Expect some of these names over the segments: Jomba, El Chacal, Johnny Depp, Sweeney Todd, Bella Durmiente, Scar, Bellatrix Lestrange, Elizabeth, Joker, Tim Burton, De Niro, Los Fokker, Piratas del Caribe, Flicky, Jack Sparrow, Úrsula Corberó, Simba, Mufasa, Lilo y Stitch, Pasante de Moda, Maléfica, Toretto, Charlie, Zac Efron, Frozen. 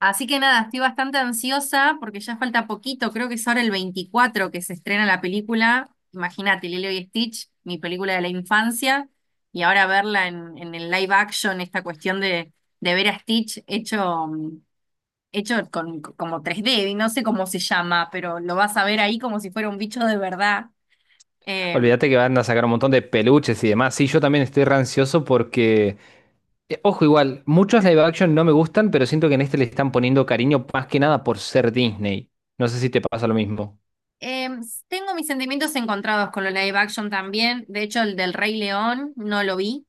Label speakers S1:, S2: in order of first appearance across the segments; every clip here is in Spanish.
S1: Así que nada, estoy bastante ansiosa porque ya falta poquito, creo que es ahora el 24 que se estrena la película. Imagínate, Lilo y Stitch, mi película de la infancia, y ahora verla en el live action, esta cuestión de ver a Stitch hecho, hecho con, como 3D y no sé cómo se llama, pero lo vas a ver ahí como si fuera un bicho de verdad. Eh,
S2: Olvídate que van a sacar un montón de peluches y demás. Sí, yo también estoy rancioso porque, ojo, igual, muchos live action no me gustan, pero siento que en este le están poniendo cariño más que nada por ser Disney. No sé si te pasa lo mismo.
S1: eh, Tengo mis sentimientos encontrados con lo live action también, de hecho el del Rey León no lo vi.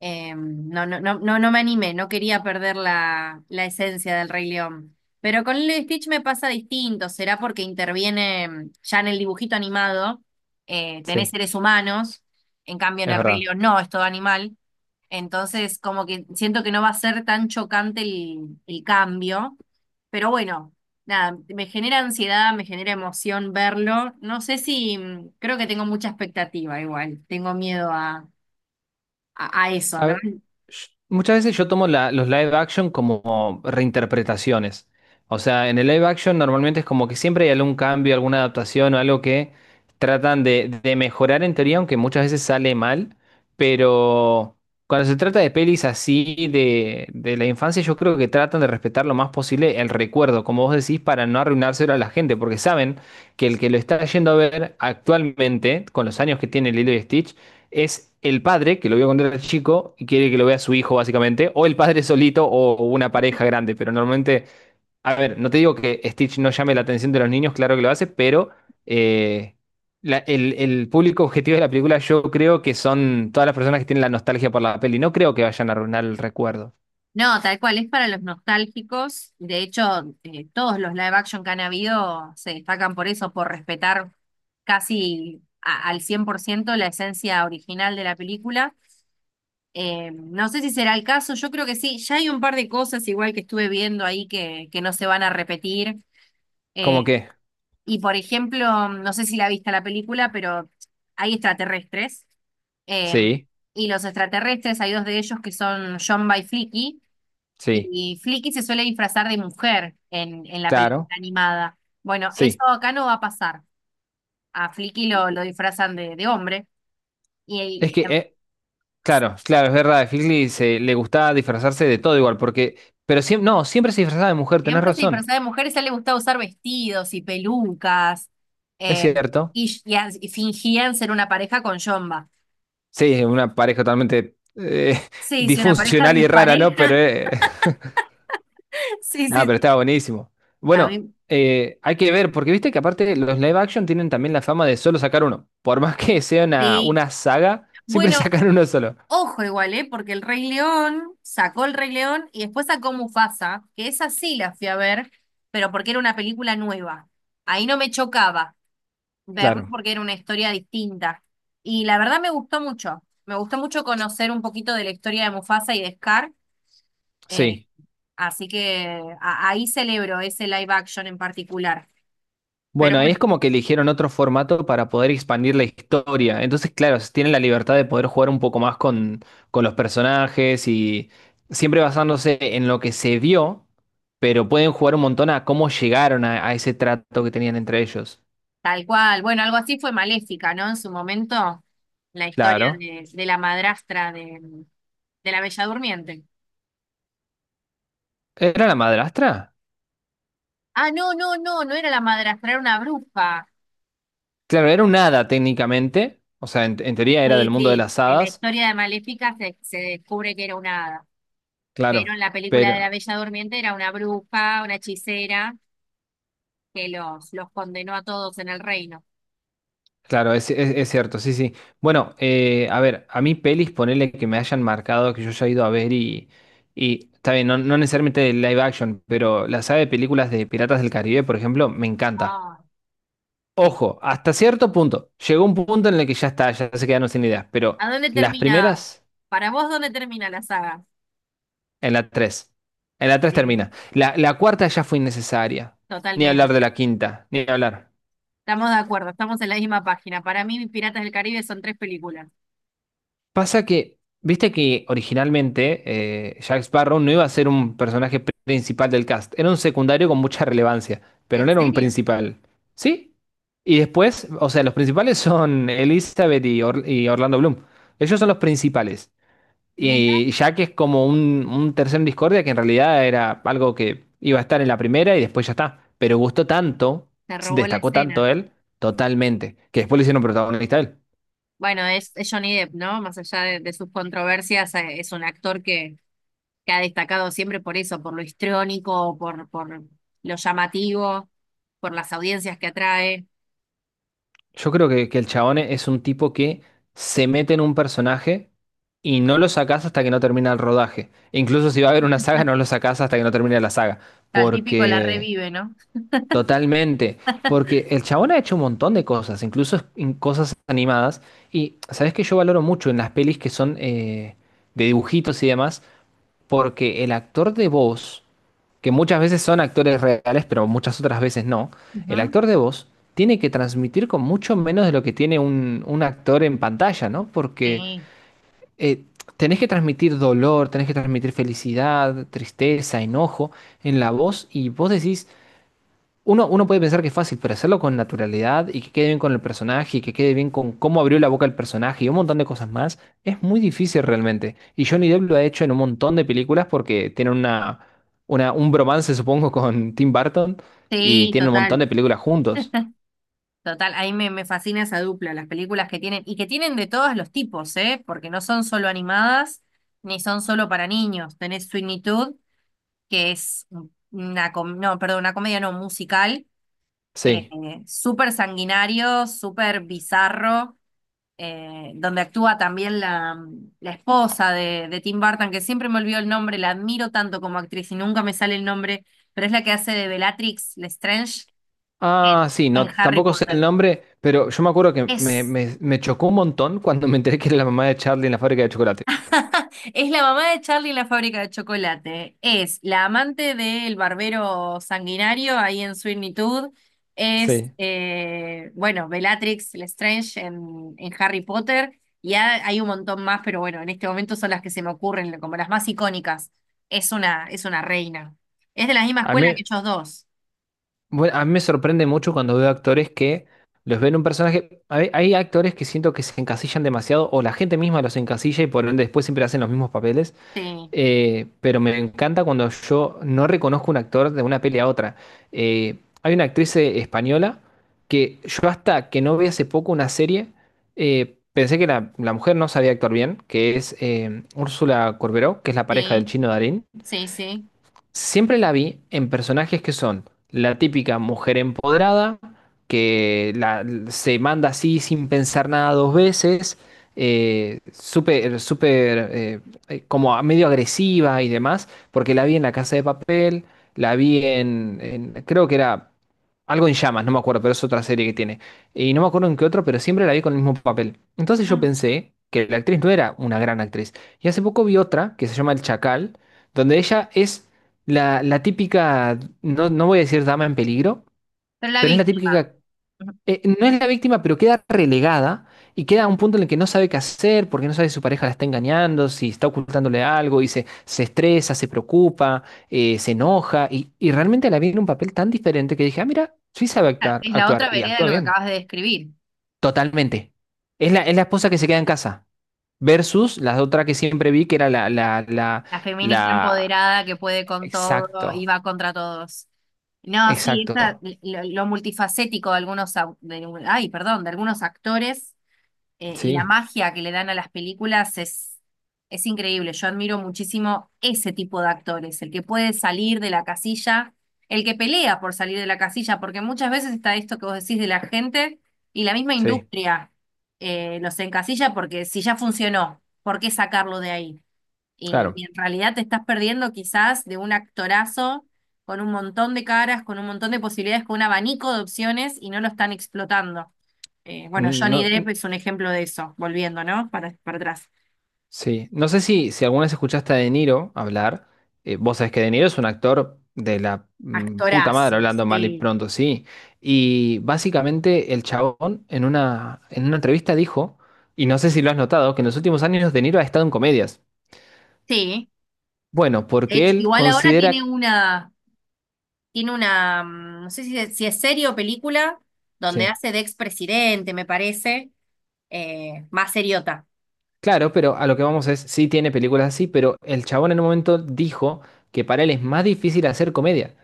S1: No, no, no, no, no me animé, no quería perder la esencia del Rey León. Pero con Lilo y Stitch me pasa distinto, será porque interviene ya en el dibujito animado, tenés
S2: Sí,
S1: seres humanos, en cambio en
S2: es
S1: el Rey
S2: verdad.
S1: León no, es todo animal. Entonces, como que siento que no va a ser tan chocante el cambio. Pero bueno, nada, me genera ansiedad, me genera emoción verlo. No sé si, creo que tengo mucha expectativa igual, tengo miedo a a eso,
S2: A
S1: ¿no?
S2: ve- Muchas veces yo tomo los live action como reinterpretaciones. O sea, en el live action normalmente es como que siempre hay algún cambio, alguna adaptación o algo que tratan de mejorar en teoría, aunque muchas veces sale mal. Pero cuando se trata de pelis así de la infancia, yo creo que tratan de respetar lo más posible el recuerdo, como vos decís, para no arruinárselo a la gente, porque saben que el que lo está yendo a ver actualmente, con los años que tiene Lilo y Stitch, es el padre que lo vio cuando era chico y quiere que lo vea su hijo, básicamente, o el padre solito o una pareja grande, pero normalmente, a ver, no te digo que Stitch no llame la atención de los niños, claro que lo hace, pero eh, el público objetivo de la película yo creo que son todas las personas que tienen la nostalgia por la peli, no creo que vayan a arruinar el recuerdo.
S1: No, tal cual, es para los nostálgicos. De hecho, todos los live action que han habido se destacan por eso, por respetar casi al 100% la esencia original de la película. No sé si será el caso, yo creo que sí. Ya hay un par de cosas igual que estuve viendo ahí que no se van a repetir.
S2: ¿Cómo
S1: Eh,
S2: que?
S1: y por ejemplo, no sé si la viste la película, pero hay extraterrestres. Eh,
S2: Sí,
S1: y los extraterrestres, hay dos de ellos que son John by,
S2: sí,
S1: y Flicky se suele disfrazar de mujer en la película
S2: claro,
S1: animada. Bueno, eso
S2: sí.
S1: acá no va a pasar. A Flicky lo disfrazan de hombre.
S2: Es
S1: Y, y
S2: que, claro, claro, es verdad, a Figley le gustaba disfrazarse de todo igual, porque, pero siempre, no, siempre se disfrazaba de mujer, tenés
S1: siempre se
S2: razón.
S1: disfraza de mujeres y a él le gusta usar vestidos y pelucas.
S2: Es
S1: eh,
S2: cierto.
S1: y fingían ser una pareja con Jomba.
S2: Sí, es una pareja totalmente
S1: Sí, sí, una pareja
S2: disfuncional y rara, ¿no? Pero,
S1: dispareja. Sí,
S2: nada,
S1: sí,
S2: pero
S1: sí.
S2: estaba buenísimo.
S1: A
S2: Bueno,
S1: mí,
S2: hay que ver, porque viste que aparte los live action tienen también la fama de solo sacar uno. Por más que sea
S1: sí.
S2: una saga, siempre
S1: Bueno,
S2: sacan uno solo.
S1: ojo igual, ¿eh? Porque el Rey León sacó el Rey León y después sacó Mufasa, que esa sí la fui a ver, pero porque era una película nueva. Ahí no me chocaba verlo
S2: Claro,
S1: porque era una historia distinta. Y la verdad me gustó mucho. Me gustó mucho conocer un poquito de la historia de Mufasa y de Scar. eh,
S2: sí.
S1: Así que ahí celebro ese live action en particular. Pero
S2: Bueno, ahí
S1: bueno,
S2: es como que eligieron otro formato para poder expandir la historia. Entonces, claro, tienen la libertad de poder jugar un poco más con los personajes y siempre basándose en lo que se vio, pero pueden jugar un montón a cómo llegaron a ese trato que tenían entre ellos.
S1: tal cual. Bueno, algo así fue Maléfica, ¿no? En su momento, la historia
S2: Claro.
S1: de la madrastra de la Bella Durmiente.
S2: ¿Era la madrastra?
S1: Ah, no, no, no, no era la madrastra, era una bruja.
S2: Claro, era un hada técnicamente. O sea, en teoría era del
S1: Sí,
S2: mundo de
S1: sí,
S2: las
S1: en la
S2: hadas.
S1: historia de Maléfica se, se descubre que era una hada, pero
S2: Claro,
S1: en la película de la
S2: pero
S1: Bella Durmiente era una bruja, una hechicera, que los condenó a todos en el reino.
S2: claro, es, es cierto, sí, sí. Bueno, a ver, a mí pelis, ponele que me hayan marcado, que yo haya ido a ver y está bien, no, no necesariamente de live action, pero la saga de películas de Piratas del Caribe, por ejemplo, me encanta.
S1: Ah, sí.
S2: Ojo, hasta cierto punto, llegó un punto en el que ya está, ya se quedaron sin ideas, pero
S1: ¿A dónde
S2: las
S1: termina?
S2: primeras,
S1: Para vos, ¿dónde termina la saga?
S2: en la 3, en la tres
S1: Sí,
S2: termina. La cuarta ya fue innecesaria, ni
S1: totalmente.
S2: hablar de la quinta, ni hablar.
S1: Estamos de acuerdo, estamos en la misma página. Para mí, Piratas del Caribe son tres películas.
S2: Pasa que, viste que originalmente Jack Sparrow no iba a ser un personaje principal del cast, era un secundario con mucha relevancia, pero
S1: ¿En
S2: no era un
S1: serio?
S2: principal. ¿Sí? Y después, o sea, los principales son Elizabeth y, y Orlando Bloom. Ellos son los principales.
S1: Mira,
S2: Y Jack es como un tercero en discordia que en realidad era algo que iba a estar en la primera y después ya está. Pero gustó tanto,
S1: te
S2: se
S1: robó la
S2: destacó tanto
S1: escena.
S2: él, totalmente, que después le hicieron protagonista a él.
S1: Bueno, es Johnny Depp, ¿no? Más allá de sus controversias, es un actor que ha destacado siempre por eso, por lo histriónico, por lo llamativo, por las audiencias que atrae.
S2: Yo creo que el chabón es un tipo que se mete en un personaje y no lo sacás hasta que no termina el rodaje. E incluso si va a haber una saga, no lo sacás hasta que no termine la saga.
S1: Tal típico la
S2: Porque
S1: revive, ¿no?
S2: totalmente, porque el chabón ha hecho un montón de cosas, incluso en cosas animadas, y sabes que yo valoro mucho en las pelis que son de dibujitos y demás, porque el actor de voz, que muchas veces son actores reales, pero muchas otras veces no, el
S1: Ujú.
S2: actor de voz tiene que transmitir con mucho menos de lo que tiene un actor en pantalla, ¿no? Porque
S1: Sí,
S2: eh, tenés que transmitir dolor, tenés que transmitir felicidad, tristeza, enojo en la voz, y vos decís... Uno, uno puede pensar que es fácil, pero hacerlo con naturalidad y que quede bien con el personaje y que quede bien con cómo abrió la boca el personaje y un montón de cosas más, es muy difícil realmente. Y Johnny Depp lo ha hecho en un montón de películas porque tiene una, un bromance, supongo, con Tim Burton y
S1: sí,
S2: tiene un montón
S1: total,
S2: de películas juntos.
S1: total. Ahí me, me fascina esa dupla, las películas que tienen, y que tienen de todos los tipos, ¿eh? Porque no son solo animadas, ni son solo para niños. Tenés Sweeney Todd, que es una, no, perdón, una comedia no, musical, eh,
S2: Sí.
S1: súper sanguinario, súper bizarro, donde actúa también la esposa de Tim Burton, que siempre me olvido el nombre, la admiro tanto como actriz y nunca me sale el nombre, pero es la que hace de Bellatrix Lestrange
S2: Ah,
S1: en,
S2: sí,
S1: en
S2: no,
S1: Harry
S2: tampoco sé el
S1: Potter.
S2: nombre, pero yo me acuerdo que me,
S1: Es
S2: me, me chocó un montón cuando me enteré que era la mamá de Charlie en la fábrica de chocolate.
S1: Es la mamá de Charlie en la fábrica de chocolate. Es la amante del barbero sanguinario ahí en Sweeney Todd. Es,
S2: Sí.
S1: bueno, Bellatrix Lestrange en Harry Potter. Y hay un montón más, pero bueno, en este momento son las que se me ocurren como las más icónicas. Es una reina. Es de la misma
S2: A
S1: escuela
S2: mí.
S1: que ellos dos.
S2: Bueno, a mí me sorprende mucho cuando veo actores que los ven un personaje. Hay actores que siento que se encasillan demasiado, o la gente misma los encasilla y por ende después siempre hacen los mismos papeles.
S1: Sí,
S2: Pero me encanta cuando yo no reconozco un actor de una peli a otra. Hay una actriz española que yo hasta que no vi hace poco una serie, pensé que la mujer no sabía actuar bien, que es Úrsula Corberó, que es la pareja del
S1: sí,
S2: chino Darín.
S1: sí, sí.
S2: Siempre la vi en personajes que son la típica mujer empoderada, que se manda así sin pensar nada dos veces, súper, súper, como medio agresiva y demás, porque la vi en La Casa de Papel, la vi creo que era algo en llamas, no me acuerdo, pero es otra serie que tiene. Y no me acuerdo en qué otro, pero siempre la vi con el mismo papel. Entonces yo
S1: Mm.
S2: pensé que la actriz no era una gran actriz. Y hace poco vi otra que se llama El Chacal donde ella es la típica, no, no voy a decir dama en peligro,
S1: Pero la
S2: pero es la
S1: víctima.
S2: típica,
S1: Ujú.
S2: no es la víctima, pero queda relegada y queda a un punto en el que no sabe qué hacer, porque no sabe si su pareja la está engañando, si está ocultándole algo, y se estresa, se preocupa, se enoja, y realmente la vi en un papel tan diferente que dije, ah, mira, sí sabe
S1: Ah,
S2: actuar,
S1: es la
S2: actuar
S1: otra
S2: y
S1: vereda de
S2: actúa
S1: lo que
S2: bien,
S1: acabas de describir.
S2: totalmente. Es la esposa que se queda en casa, versus la otra que siempre vi, que era
S1: La feminista
S2: la...
S1: empoderada que puede con todo y
S2: Exacto,
S1: va contra todos. No, sí,
S2: exacto,
S1: lo multifacético de algunos, perdón, de algunos actores, y la
S2: sí.
S1: magia que le dan a las películas es increíble. Yo admiro muchísimo ese tipo de actores, el que puede salir de la casilla, el que pelea por salir de la casilla, porque muchas veces está esto que vos decís de la gente y la misma
S2: Sí,
S1: industria, los encasilla porque si ya funcionó, ¿por qué sacarlo de ahí? Y
S2: claro.
S1: en realidad te estás perdiendo quizás de un actorazo con un montón de caras, con un montón de posibilidades, con un abanico de opciones y no lo están explotando. Bueno, Johnny
S2: No,
S1: Depp es un ejemplo de eso, volviendo, ¿no? Para atrás.
S2: sí. No sé si, si alguna vez escuchaste a De Niro hablar. Vos sabés que De Niro es un actor de la puta madre,
S1: Actorazo,
S2: hablando mal y
S1: sí.
S2: pronto, sí. Y básicamente el chabón en una entrevista dijo, y no sé si lo has notado, que en los últimos años De Niro ha estado en comedias.
S1: Sí.
S2: Bueno,
S1: De
S2: porque
S1: hecho,
S2: él
S1: igual ahora
S2: considera...
S1: tiene una, no sé si es, si es serie o película, donde
S2: Sí,
S1: hace de expresidente, me parece, más seriota.
S2: claro, pero a lo que vamos es, sí tiene películas así, pero el chabón en un momento dijo que para él es más difícil hacer comedia.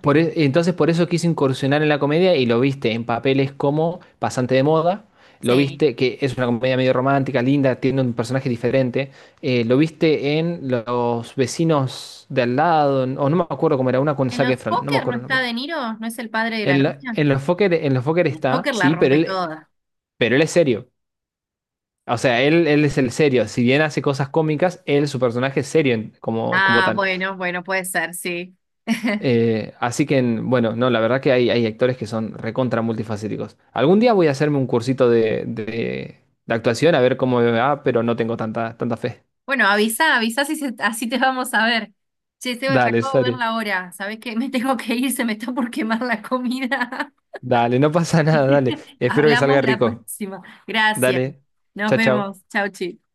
S2: Entonces por eso quise incursionar en la comedia y lo viste en papeles como Pasante de Moda, lo
S1: Sí.
S2: viste que es una comedia medio romántica, linda, tiene un personaje diferente, lo viste en Los vecinos de al lado, o no me acuerdo cómo era, una con
S1: ¿En
S2: Zac
S1: los
S2: Efron, no me
S1: Fokker no
S2: acuerdo el
S1: está
S2: nombre.
S1: De Niro? ¿No es el padre de la
S2: En,
S1: novia?
S2: en Los Fokker
S1: El
S2: está,
S1: Joker la
S2: sí,
S1: rompe toda.
S2: pero él es serio. O sea, él es el serio. Si bien hace cosas cómicas, él, su personaje es serio como, como
S1: Ah,
S2: tal.
S1: bueno, bueno, puede ser, sí.
S2: Así que, bueno, no, la verdad que hay actores que son recontra multifacéticos. Algún día voy a hacerme un cursito de, de actuación a ver cómo me va, pero no tengo tanta, tanta fe.
S1: Bueno, avisa, avisa si se- así te vamos a ver. Che, Seba, se
S2: Dale,
S1: acabo de ver
S2: sale.
S1: la hora. ¿Sabés qué? Me tengo que ir, se me está por quemar la comida.
S2: Dale, no pasa nada, dale. Espero que salga
S1: Hablamos la
S2: rico.
S1: próxima. Gracias.
S2: Dale.
S1: Nos
S2: Chao, chao.
S1: vemos. Chau, chi.